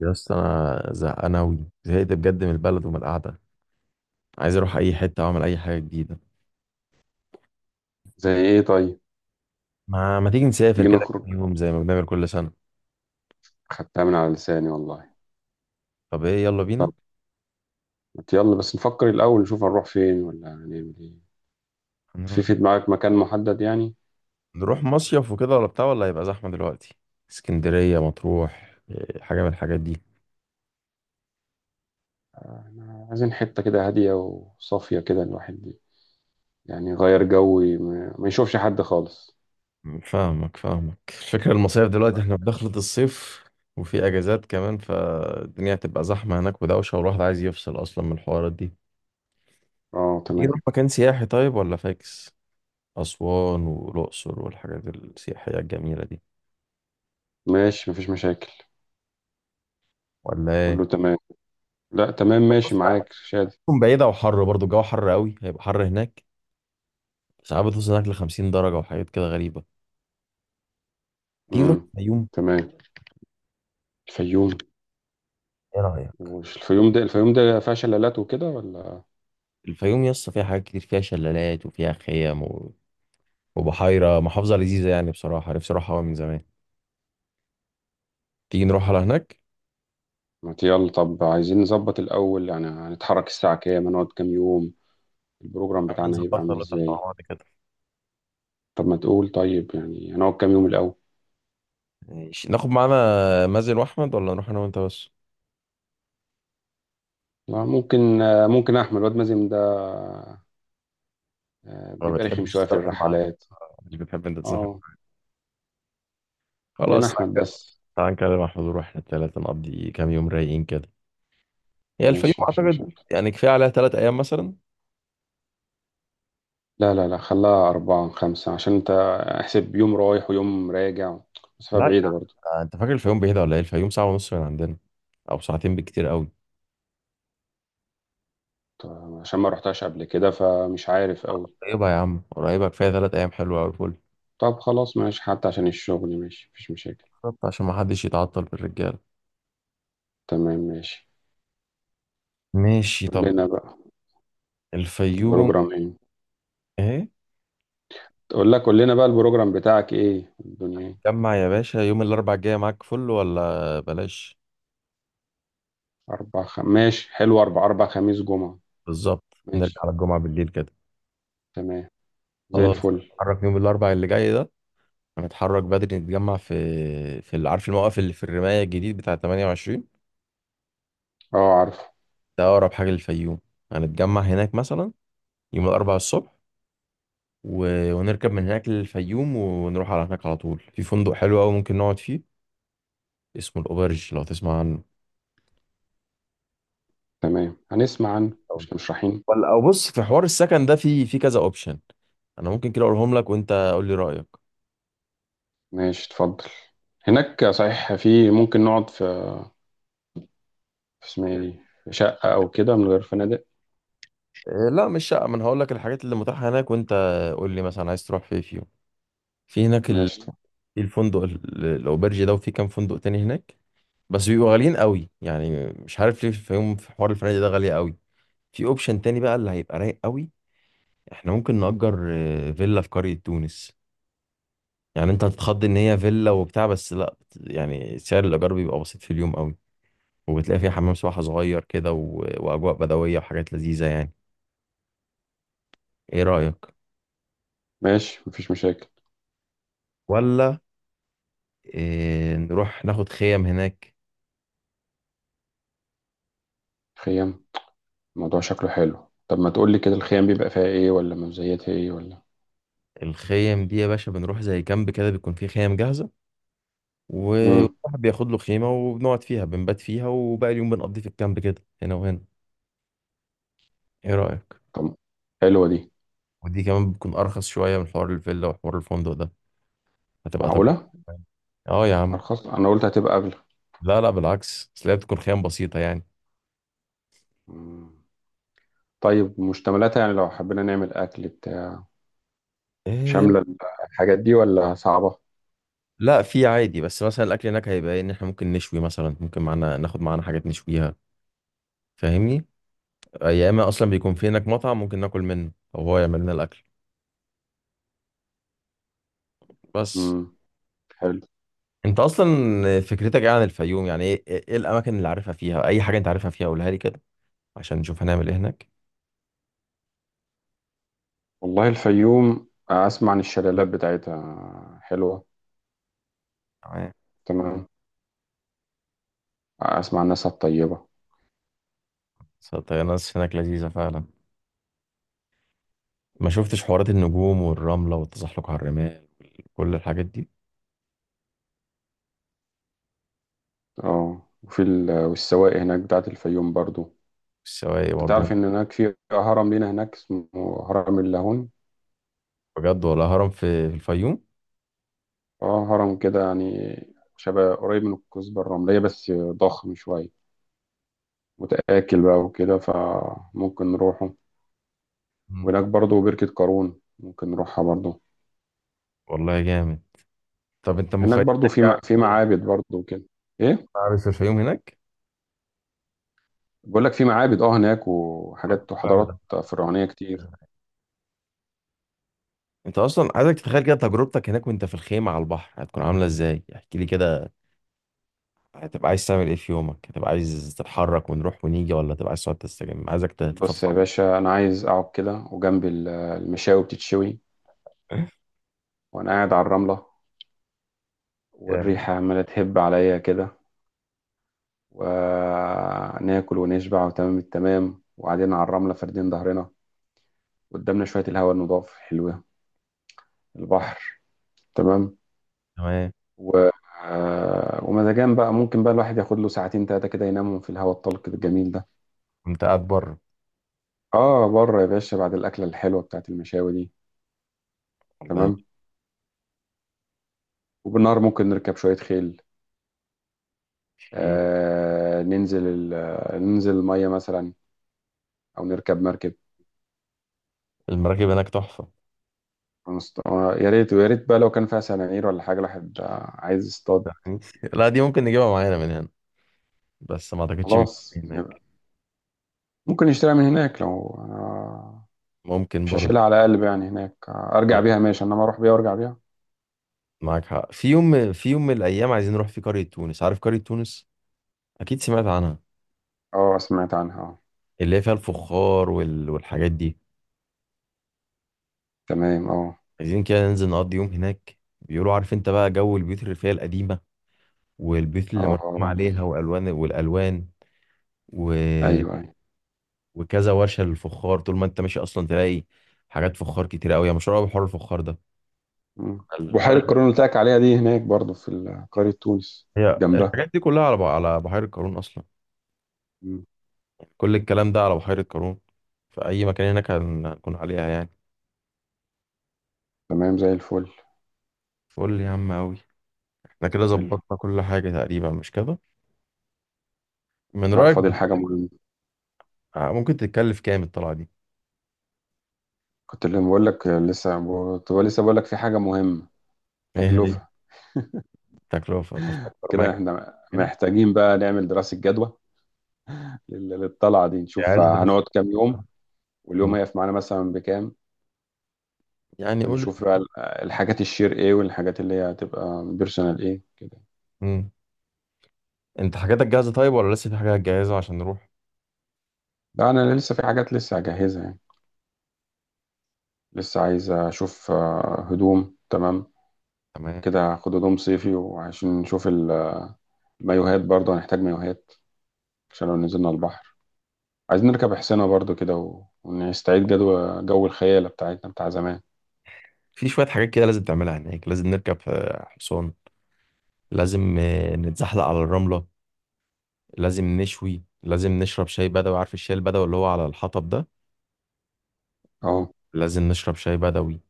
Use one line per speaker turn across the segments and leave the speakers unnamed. يا اسطى انا زهقان اوي زهقت بجد من البلد ومن القعده. عايز اروح اي حته واعمل اي حاجه جديده.
زي ايه طيب؟
ما تيجي نسافر
تيجي
كده
نخرج.
كام يوم زي ما بنعمل كل سنه؟
خدتها من على لساني والله.
طب ايه، يلا
طب،
بينا.
ما يلا بس نفكر الاول، نشوف هنروح فين ولا هنعمل ايه. في
هنروح
في دماغك مكان محدد يعني؟
نروح مصيف وكده ولا بتاع، ولا هيبقى زحمه دلوقتي؟ اسكندريه، مطروح، إيه، حاجه من الحاجات دي.
احنا عايزين حتة كده هادية وصافية، كده الواحد يعني يغير جو، ما يشوفش حد خالص.
فاهمك الفكره. المصايف دلوقتي احنا في دخلة الصيف وفي اجازات كمان، فالدنيا هتبقى زحمه هناك ودوشه، والواحد عايز يفصل اصلا من الحوارات دي.
اه،
تيجي
تمام،
نروح مكان سياحي طيب، ولا فاكس؟ أسوان والأقصر والحاجات السياحية الجميلة دي،
ماشي مفيش مشاكل،
ولا إيه؟
كله تمام. لا، تمام، ماشي
بص،
معاك شادي.
تكون بعيدة وحر، برضو الجو حر قوي، هيبقى حر هناك. ساعات بتوصل هناك لخمسين درجة وحاجات كده غريبة. تيجي تروح
امم،
الفيوم؟
تمام، الفيوم.
إيه رأيك؟
هو الفيوم ده فيها شلالات وكده ولا؟
الفيوم يسطا فيها حاجات كتير، فيها شلالات وفيها خيم وبحيرة محافظة لذيذة. يعني بصراحة نفسي أروحها أوي من زمان. تيجي نروح على هناك؟
ما ت- يلا طب، عايزين نظبط الأول، يعني هنتحرك الساعة كام، هنقعد كام يوم، البروجرام
يا عم
بتاعنا هيبقى
نظبطها
عامل
ولا تحت مع
ازاي؟
بعض كده.
طب ما تقول طيب، يعني هنقعد كام يوم الأول؟
ماشي، ناخد معانا مازن وأحمد ولا نروح أنا وأنت بس؟
ممكن، ممكن أحمد. الواد مازن ده،
ما
بيبقى رخم
بتحبش
شوية في
تسافر معانا،
الرحلات.
مش بتحب أنت تسافر.
اه، خلينا
خلاص،
أحمد بس.
تعال نكلم محمود ونروح احنا التلاتة نقضي كام يوم رايقين كده. هي الفيوم
ماشي، مفيش
أعتقد
مشاكل.
يعني كفاية عليها تلات أيام مثلا.
لا لا لا، خلاها أربعة خمسة عشان أنت احسب يوم رايح ويوم راجع، مسافة
لا يا
بعيدة
عم،
برضو.
أنت فاكر الفيوم بعيدة ولا إيه؟ الفيوم ساعة ونص من عندنا، أو ساعتين بكتير أوي.
طب عشان ما رحتهاش قبل كده، فمش عارف أوي.
قريبة يا عم، قريبة. كفاية تلات أيام حلوة أوي، فل.
طب خلاص، ماشي، حتى عشان الشغل. ماشي، مفيش مشاكل.
بالظبط عشان محدش يتعطل بالرجالة.
تمام، ماشي.
ماشي طب.
كلنا بقى.
الفيوم.
بروجرام ايه؟
إيه.
تقول لك قول لنا بقى، البروجرام بتاعك ايه، الدنيا ايه؟
جمع يا باشا يوم الأربع الجاية، معاك فل ولا بلاش؟
ماشي حلو. اربع خميس جمعة.
بالظبط. نرجع
ماشي.
على الجمعة بالليل كده.
تمام، زي
خلاص،
الفل.
نتحرك يوم الأربع اللي جاي ده. هنتحرك بدري، نتجمع في عارف الموقف اللي في الرماية الجديد بتاع 28؟
اه، عارفه.
ده أقرب حاجة للفيوم. هنتجمع هناك مثلا يوم الأربعاء الصبح و... ونركب من هناك للفيوم، ونروح على هناك على طول. في فندق حلو أوي ممكن نقعد فيه، اسمه الأوبرج، لو تسمع عنه.
تمام، هنسمع عنه، مش كده، مش رايحين؟
ولا، أو بص، في حوار السكن ده في كذا أوبشن. أنا ممكن كده أقولهم لك وأنت قول لي رأيك.
ماشي، اتفضل. هناك صحيح، في ممكن نقعد في اسمها ايه دي، في شقة او كده من غير فنادق؟
إيه، لا مش شقة. ما أنا هقول لك الحاجات اللي متاحة هناك، وأنت قول لي مثلا عايز تروح فين فيهم. في هناك ال...
ماشي، اتفضل.
في الفندق الأوبرج ده، وفي كام فندق تاني هناك، بس بيبقوا غاليين قوي. يعني مش عارف ليه في يوم في حوار الفنادق ده غالية قوي. في اوبشن تاني بقى اللي هيبقى رايق قوي، احنا ممكن نأجر فيلا في قرية تونس. يعني انت هتتخض ان هي فيلا وبتاع، بس لا، يعني سعر الايجار بيبقى بسيط في اليوم قوي. وبتلاقي فيها حمام سباحة صغير كده واجواء بدوية وحاجات لذيذة يعني. ايه رأيك؟
ماشي، مفيش مشاكل.
ولا إيه، نروح ناخد خيم هناك؟
خيام. الموضوع شكله حلو. طب ما تقول لي كده، الخيام بيبقى فيها ايه، ولا مزيتها ايه ولا؟
الخيم دي يا باشا بنروح زي كامب كده، بيكون فيه خيم جاهزة،
امم،
وواحد بياخد له خيمة وبنقعد فيها، بنبات فيها، وباقي اليوم بنقضيه في الكامب كده هنا وهنا. ايه رأيك؟
طب، حلوة دي.
ودي كمان بتكون ارخص شوية من حوار الفيلا وحوار الفندق ده. هتبقى تجربة.
معقولة؟
اه يا عم.
ارخص؟ انا قلت هتبقى اغلى.
لا لا، بالعكس، بس هي بتكون خيام بسيطة يعني.
مم. طيب، مشتملاتها يعني لو حبينا نعمل أكل بتاع،
إيه.
شاملة الحاجات دي ولا صعبة؟
لا، في عادي. بس مثلا الاكل هناك هيبقى إيه؟ ان احنا ممكن نشوي مثلا، ممكن معانا ناخد معانا حاجات نشويها، فاهمني؟ يا اما اصلا بيكون في هناك مطعم ممكن ناكل منه او هو يعمل لنا الاكل. بس
امم. حلو.
انت اصلا فكرتك ايه عن الفيوم؟ يعني ايه ايه إيه الاماكن اللي عارفها فيها؟ اي حاجه انت عارفها فيها قولها لي كده عشان نشوف هنعمل ايه هناك.
والله الفيوم، أسمع عن الشلالات بتاعتها حلوة.
تمام.
تمام. أسمع عن ناسها الطيبة.
بس الطيران هناك لذيذه فعلا. ما شفتش حوارات النجوم والرمله والتزحلق على الرمال، كل الحاجات دي.
اه، وفي والسواقي هناك بتاعت الفيوم برضو.
السواقي
أنت
برضه.
تعرف إن هناك في هرم لينا هناك، اسمه هرم اللاهون.
بجد؟ ولا هرم في الفيوم؟
اه، هرم كده يعني، شبه قريب من الكثبة الرملية بس ضخم شوية، متآكل بقى وكده، فممكن نروحه.
مم.
وهناك برضو بركة قارون، ممكن نروحها برضو.
والله جامد. طب انت
هناك
مخيلتك
برضو في
ايه عن
في
الحقيقة؟
معابد برضو كده، ايه.
عارف الفيوم هناك.
بقول لك في معابد، اه، هناك،
طب
وحاجات
بعمل ده،
وحضارات فرعونية كتير.
انت اصلا عايزك تتخيل كده تجربتك هناك، وانت في الخيمه على البحر هتكون عامله ازاي، احكي لي كده. هتبقى عايز تعمل ايه في يومك؟ هتبقى عايز تتحرك ونروح ونيجي، ولا تبقى عايز تقعد تستجم؟ عايزك تتفضفض.
بص يا باشا، انا عايز اقعد كده، وجنب المشاوي بتتشوي، وانا قاعد على الرملة،
جامد.
والريحة عمالة تهب عليا كده. وناكل ونشبع وتمام التمام، وقاعدين على الرملة فاردين ظهرنا، قدامنا شوية الهواء النضاف حلوة، البحر، تمام.
تمام.
و... آه، ومزاجان بقى، ممكن بقى الواحد ياخد له ساعتين تلاتة كده ينامهم في الهواء الطلق الجميل ده.
كنت قاعد بره.
اه، بره يا باشا، بعد الأكلة الحلوة بتاعت المشاوي دي.
والله.
تمام. وبالنهار ممكن نركب شوية خيل.
في
آه ننزل ال... آه، ننزل المية مثلا، أو نركب مركب.
المراكب هناك تحفة.
يا ريت ويا ريت بقى لو كان فيها سنانير ولا حاجة، الواحد عايز يصطاد.
يعني لا، دي ممكن نجيبها معانا من هنا، بس ما اعتقدش بيكون في
خلاص يبقى.
هناك.
ممكن يشتريها من هناك لو
ممكن
مش
برضه.
هشيلها على قلب يعني هناك، أرجع بيها ماشي، إنما أروح بيها وأرجع بيها.
معاك حق. في يوم، في يوم من الايام عايزين نروح في قرية تونس. عارف قرية تونس؟ اكيد سمعت عنها.
اه، سمعت عنها، اه.
اللي هي فيها الفخار والحاجات دي.
تمام، اه،
عايزين كده ننزل نقضي يوم هناك، بيقولوا عارف انت بقى جو البيوت الريفية القديمة والبيوت اللي
اه،
مرسوم عليها والوان والالوان و...
ايوه، ايوه.
وكذا ورشه للفخار. طول ما انت ماشي اصلا تلاقي حاجات فخار كتير قوي، يا مشهور قوي بحوار الفخار ده.
بحيرة
البلد،
قارون اللي قلت لك عليها دي هناك برضو في قرية تونس
هي
جنبها.
الحاجات دي كلها على على بحيره قارون اصلا.
مم،
كل الكلام ده على بحيره قارون، في اي مكان هناك هنكون عليها يعني.
تمام، زي الفل.
فقول لي يا عم قوي، احنا كده
حلو.
ظبطنا كل حاجه تقريبا مش كده؟ من
لا،
رايك
فاضل
ده
حاجة مهمة.
ممكن تتكلف كام الطلعه دي؟
كنت اللي بقول لك لسه. لسه بقول لك في حاجة مهمة.
ايه هي؟
تكلفة.
التكلفه بفكر
كده
معاك.
احنا
كام؟
محتاجين بقى نعمل دراسة جدوى للطلعة دي، نشوف
عايز ادرس
هنقعد كام يوم، واليوم هيقف معانا مثلا بكام.
يعني.
ونشوف بقى الحاجات الشير ايه، والحاجات اللي هي هتبقى بيرسونال ايه كده.
قول، انت حاجاتك جاهزة طيب ولا لسه في حاجات جاهزة عشان نروح؟
لا، انا لسه في حاجات لسه هجهزها يعني. لسه عايز اشوف هدوم تمام،
تمام.
كده هاخد هدوم صيفي، وعشان نشوف المايوهات برضه هنحتاج مايوهات عشان لو نزلنا البحر. عايزين نركب حصينة برضه كده، ونستعيد جدوى جو الخيالة بتاعتنا بتاع زمان.
في شوية حاجات كده لازم تعملها هناك. لازم نركب حصان. لازم نتزحلق على الرملة. لازم نشوي. لازم نشرب شاي بدوي، عارف الشاي البدوي اللي هو على الحطب ده؟
اهو.
لازم نشرب شاي بدوي.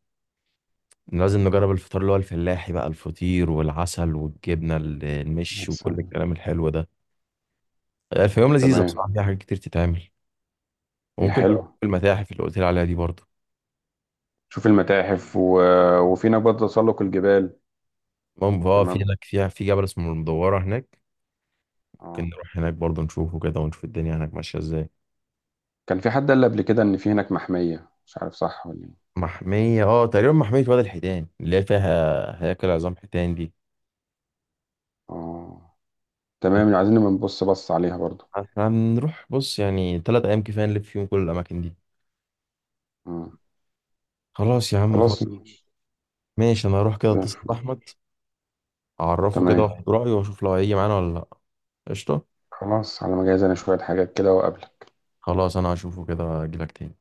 لازم نجرب الفطار اللي هو الفلاحي بقى، الفطير والعسل والجبنة المش وكل
أحسن.
الكلام الحلو ده. الفيوم لذيذة بصراحة،
تمام.
فيها حاجات كتير تتعمل.
هي
وممكن تبقى
حلو.
في المتاحف اللي قلت لي عليها دي برضه.
شوف المتاحف وفي هناك برضه تسلق الجبال.
المهم، اه، في
تمام.
هناك في جبل اسمه المدورة هناك. ممكن
اه،
نروح هناك برضه نشوفه كده، ونشوف الدنيا هناك ماشية ازاي.
كان في حد قال قبل كده ان في هناك محمية، مش عارف صح ولا ايه.
محمية، اه تقريبا، محمية وادي الحيتان اللي هي فيها هياكل عظام حيتان دي.
اه، تمام، عايزين نبقى بص عليها برضه.
احنا هنروح بص يعني تلات أيام كفاية نلف فيهم كل الأماكن دي.
مم.
خلاص يا عم، فل.
خلاص، ماشي.
ماشي، أنا هروح كده
زي
أتصل
الفل،
بأحمد، أعرفه كده
تمام.
وأخد رأيه، وأشوف لو هيجي معانا ولا لأ. قشطة.
خلاص، على ما اجهز انا شوية حاجات كده وأقابلك.
خلاص، أنا هشوفه كده أجيلك تاني.